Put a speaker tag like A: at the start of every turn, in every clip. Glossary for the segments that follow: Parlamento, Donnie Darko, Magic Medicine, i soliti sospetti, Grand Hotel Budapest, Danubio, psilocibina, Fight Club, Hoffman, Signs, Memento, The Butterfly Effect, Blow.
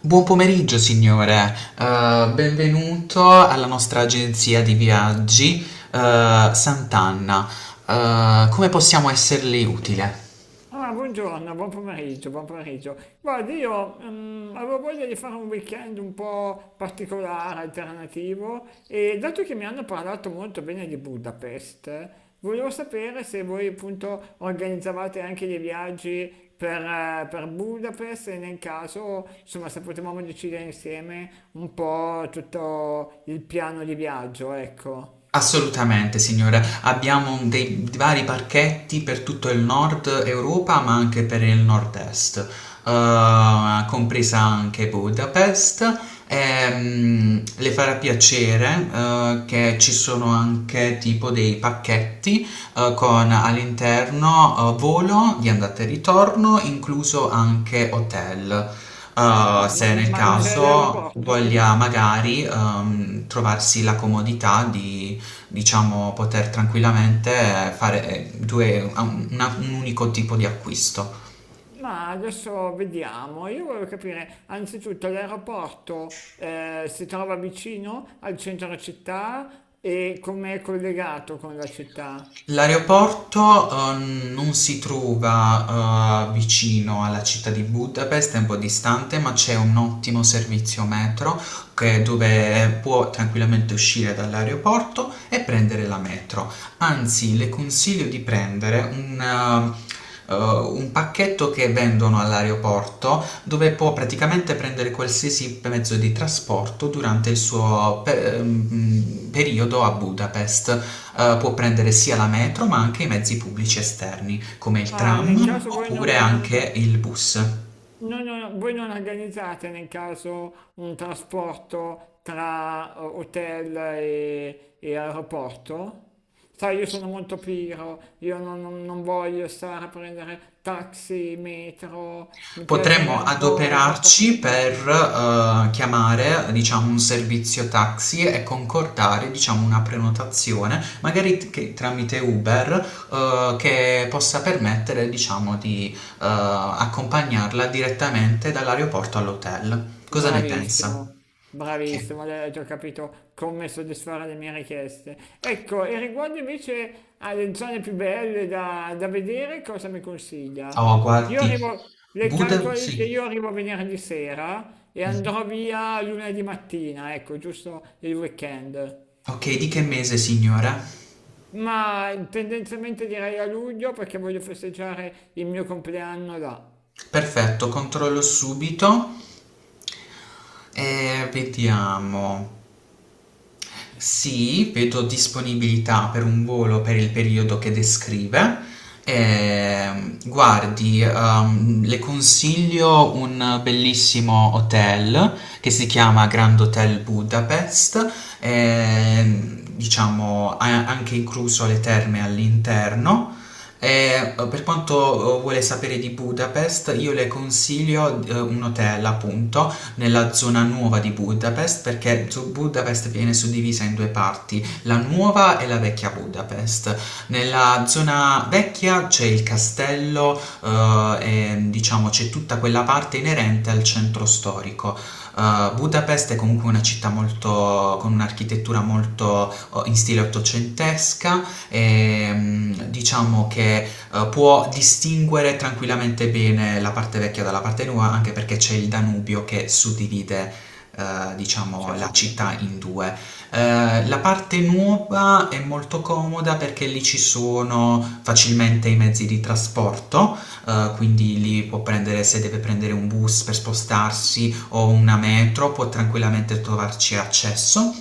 A: Buon pomeriggio, signore. Benvenuto alla nostra agenzia di viaggi, Sant'Anna. Come possiamo esserle utile?
B: Ah, buongiorno, buon pomeriggio, buon pomeriggio. Guardi, io avevo voglia di fare un weekend un po' particolare, alternativo, e dato che mi hanno parlato molto bene di Budapest, volevo sapere se voi appunto organizzavate anche dei viaggi per Budapest e nel caso, insomma, se potevamo decidere insieme un po' tutto il piano di viaggio, ecco.
A: Assolutamente signora, abbiamo dei vari parchetti per tutto il Nord Europa, ma anche per il Nord-Est, compresa anche Budapest. Le farà piacere, che ci sono anche tipo dei pacchetti, con all'interno, volo di andata e ritorno, incluso anche hotel.
B: Ah, ma
A: Se nel Ah, ok.
B: ma c'è
A: caso
B: l'aeroporto?
A: voglia magari trovarsi la comodità di diciamo poter tranquillamente fare un unico tipo di acquisto.
B: Ma adesso vediamo, io volevo capire, anzitutto l'aeroporto si trova vicino al centro città e come è collegato con la città?
A: L'aeroporto, non si trova, vicino alla città di Budapest, è un po' distante, ma c'è un ottimo servizio metro dove può tranquillamente uscire dall'aeroporto e prendere la metro. Anzi, le consiglio di prendere un pacchetto che vendono all'aeroporto dove può praticamente prendere qualsiasi mezzo di trasporto durante il suo periodo a Budapest. Può prendere sia la metro ma anche i mezzi pubblici esterni come il
B: Ah, nel
A: tram
B: caso voi
A: oppure anche il bus.
B: voi non organizzate nel caso un trasporto tra hotel e aeroporto? Sai, io sono molto pigro, io non voglio stare a prendere taxi, metro, mi piace
A: Potremmo
B: avere un po' la poppa
A: adoperarci per
B: pronta.
A: chiamare, diciamo, un servizio taxi e concordare, diciamo, una prenotazione, magari tramite Uber, che possa permettere, diciamo, di accompagnarla direttamente dall'aeroporto all'hotel. Cosa ne pensa?
B: Bravissimo,
A: Ok.
B: bravissimo, hai già capito come soddisfare le mie richieste. Ecco, e riguardo invece alle zone più belle da vedere, cosa mi consiglia?
A: Oh,
B: Io
A: guardi,
B: arrivo, le
A: Budapest,
B: calcoli che
A: sì.
B: io arrivo venerdì sera e
A: Mhm.
B: andrò via lunedì mattina, ecco, giusto il weekend.
A: Ok, di che mese, signora?
B: Ma tendenzialmente direi a luglio perché voglio festeggiare il mio compleanno là,
A: Perfetto, controllo subito e vediamo. Sì, vedo disponibilità per un volo per il periodo che descrive. Guardi, le consiglio un bellissimo hotel che si chiama Grand Hotel Budapest, diciamo ha anche incluso le terme all'interno. E, per quanto vuole sapere di Budapest, io le consiglio un hotel, appunto, nella zona nuova di Budapest perché Budapest viene suddivisa in due parti, la nuova e la vecchia Budapest. Nella zona vecchia c'è il castello e diciamo c'è tutta quella parte inerente al centro storico. Budapest è comunque una città molto, con un'architettura molto in stile ottocentesca e diciamo che può distinguere tranquillamente bene la parte vecchia dalla parte nuova, anche perché c'è il Danubio che suddivide eh, diciamo la
B: certo.
A: città in due. La parte nuova è molto comoda perché lì ci sono facilmente i mezzi di trasporto, quindi lì può prendere, se deve prendere un bus per spostarsi o una metro, può tranquillamente trovarci accesso.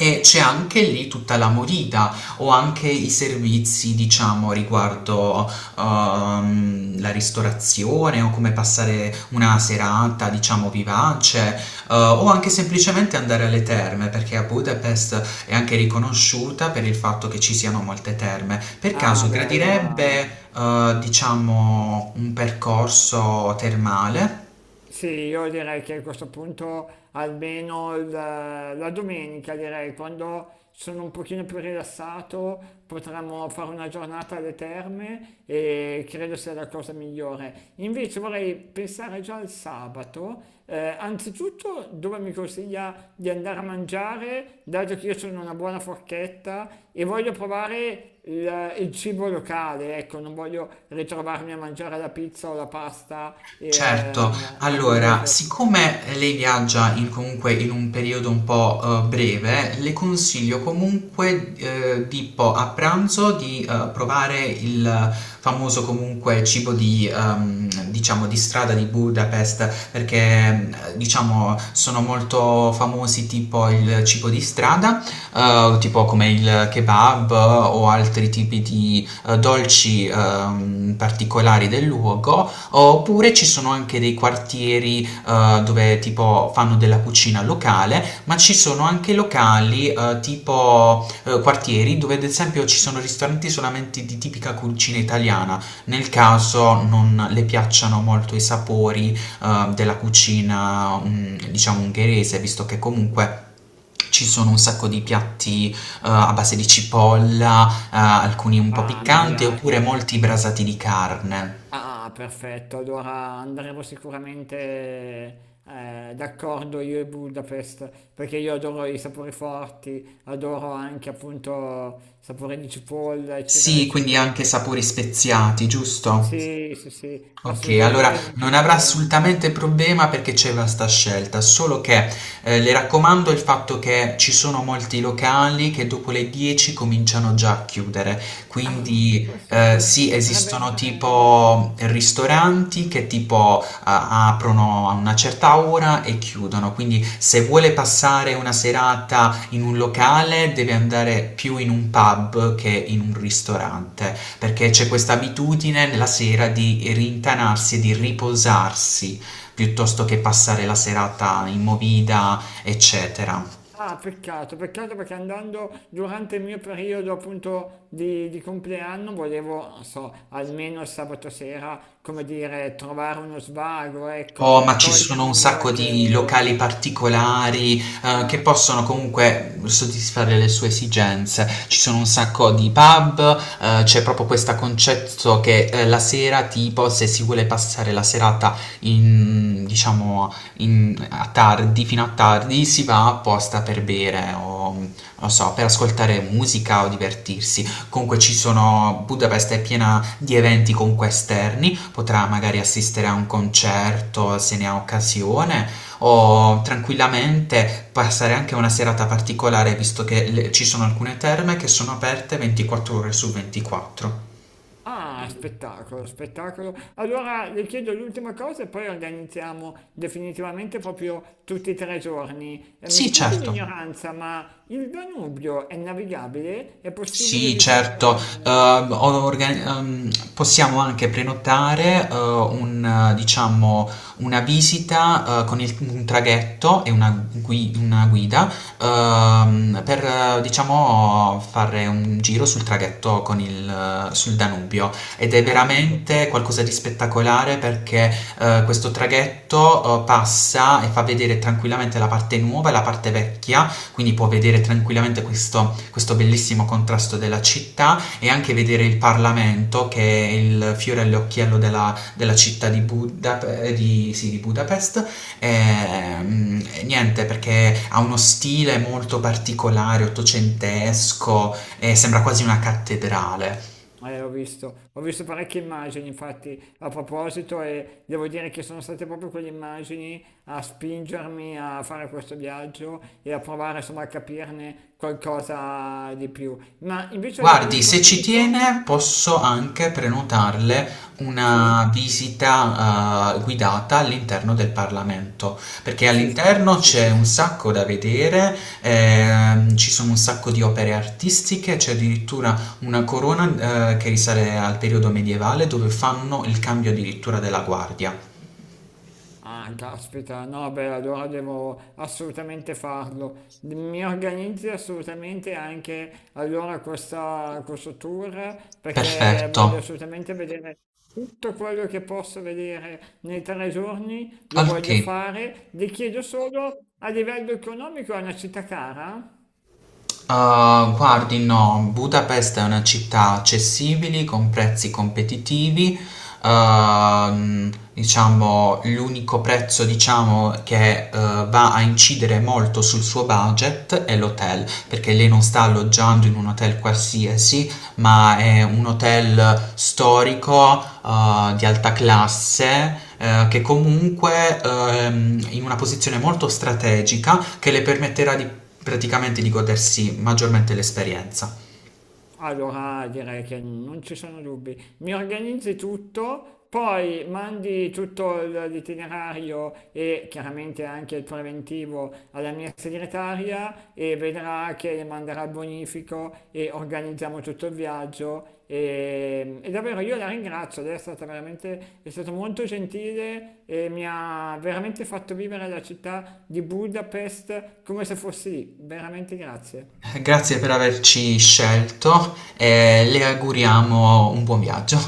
A: E c'è anche lì tutta la morita o anche i servizi, diciamo, riguardo la ristorazione o come passare una serata, diciamo, vivace, o anche semplicemente andare alle terme, perché a Budapest è anche riconosciuta per il fatto che ci siano molte terme. Per
B: Ah,
A: caso
B: beh, allora
A: gradirebbe, diciamo, un percorso termale?
B: sì, io direi che a questo punto almeno la domenica, direi, quando sono un pochino più rilassato, potremmo fare una giornata alle terme e credo sia la cosa migliore. Invece vorrei pensare già al sabato, anzitutto dove mi consiglia di andare a mangiare, dato che io sono una buona forchetta e voglio provare il cibo locale, ecco, non voglio ritrovarmi a mangiare la pizza o la pasta
A: Certo,
B: a
A: allora,
B: Budapest.
A: siccome lei viaggia in comunque in un periodo un po', breve, le consiglio comunque, tipo a pranzo di, provare il famoso comunque cibo di, diciamo, di strada di Budapest, perché, diciamo, sono molto famosi tipo il cibo di strada, tipo come il kebab o altri tipi di, dolci, particolari del luogo oppure ci sono anche dei quartieri dove tipo fanno della cucina locale, ma ci sono anche locali tipo quartieri dove ad esempio ci sono ristoranti solamente di tipica cucina italiana, nel caso non le piacciono molto i sapori della cucina diciamo ungherese, visto che comunque ci sono un sacco di piatti a base di cipolla, alcuni un po'
B: Ah, mi
A: piccanti, Mm, oppure
B: piace.
A: molti brasati di carne.
B: Ah, perfetto. Allora andremo sicuramente d'accordo io e Budapest, perché io adoro i sapori forti, adoro anche appunto sapore di cipolla, eccetera,
A: Sì, quindi
B: eccetera.
A: anche sapori speziati, giusto?
B: Sì, sì, sì,
A: Ok, allora
B: assolutamente non c'è
A: non avrà
B: problema.
A: assolutamente problema perché c'è vasta scelta, solo che le raccomando il fatto che ci sono molti locali che dopo le 10 cominciano già a chiudere,
B: Ah,
A: quindi
B: questo
A: sì,
B: potrebbe
A: esistono
B: essere
A: tipo ristoranti che tipo aprono a una certa ora e chiudono, quindi se vuole passare una serata in un locale deve andare più in un pub che in un ristorante perché c'è questa abitudine la sera di rintanarsi e di riposarsi piuttosto che passare la serata in movida, eccetera.
B: ah, peccato, peccato perché andando durante il mio periodo appunto di compleanno volevo, non so, almeno il sabato sera, come dire, trovare uno svago,
A: Oh,
B: ecco,
A: ma ci sono un
B: togliermi
A: sacco di locali
B: qualche...
A: particolari, che
B: Ah,
A: possono comunque soddisfare le sue esigenze. Ci sono un sacco di pub, c'è proprio questo concetto che la sera, tipo, se si vuole passare la serata in, diciamo, a tardi, fino a tardi, si va apposta per bere o, non so, per ascoltare musica o divertirsi. Comunque ci sono, Budapest è piena di eventi comunque esterni, potrà magari assistere a un concerto se ne ha occasione o tranquillamente passare anche una serata particolare visto che ci sono alcune terme che sono aperte 24 ore su 24.
B: ah, spettacolo, spettacolo. Allora le chiedo l'ultima cosa e poi organizziamo definitivamente proprio tutti e 3 giorni. Mi
A: Sì,
B: scusi
A: certo.
B: l'ignoranza, ma il Danubio è navigabile? È possibile
A: Sì, certo.
B: visitare...
A: Possiamo anche prenotare un, diciamo, una visita con un traghetto e una, una guida per diciamo, fare un giro sul traghetto con il, sul Danubio ed è
B: Ah, ecco.
A: veramente qualcosa di spettacolare perché questo traghetto passa e fa vedere tranquillamente la parte nuova e la parte vecchia quindi può vedere tranquillamente questo bellissimo contrasto della città e anche vedere il Parlamento che è il fiore all'occhiello della, della città di, di Budapest. E, mm, niente, perché ha uno stile molto particolare, ottocentesco, e sembra quasi una cattedrale.
B: Ho visto parecchie immagini, infatti, a proposito, e devo dire che sono state proprio quelle immagini a spingermi a fare questo viaggio e a provare, insomma, a capirne qualcosa di più. Ma invece a livello
A: Guardi, se ci
B: economico?
A: tiene, posso anche prenotarle una
B: Sì,
A: visita, guidata all'interno del Parlamento, perché
B: sì,
A: all'interno
B: sì,
A: c'è
B: sì,
A: un
B: sì.
A: sacco da vedere, ci sono un sacco di opere artistiche, c'è addirittura una corona, che risale al periodo medievale dove fanno il cambio addirittura della guardia.
B: Ah, caspita, no, beh, allora devo assolutamente farlo. Mi organizzi assolutamente anche allora questa, questo tour perché
A: Perfetto.
B: voglio assolutamente vedere tutto quello che posso vedere nei 3 giorni, lo
A: Ok.
B: voglio fare. Le chiedo solo a livello economico è una città cara?
A: Ah, guardi, no, Budapest è una città accessibile, con prezzi competitivi. Diciamo, l'unico prezzo, diciamo, che va a incidere molto sul suo budget è l'hotel, perché lei non sta alloggiando in un hotel qualsiasi, ma è un hotel storico di alta classe che comunque in una posizione molto strategica che le permetterà di praticamente di godersi maggiormente l'esperienza.
B: Allora direi che non ci sono dubbi. Mi organizzi tutto, poi mandi tutto l'itinerario e chiaramente anche il preventivo alla mia segretaria e vedrà che le manderà il bonifico e organizziamo tutto il viaggio. E davvero io la ringrazio, lei è stata veramente, è stato molto gentile e mi ha veramente fatto vivere la città di Budapest come se fossi lì. Veramente grazie.
A: Grazie per averci scelto e le auguriamo un buon viaggio.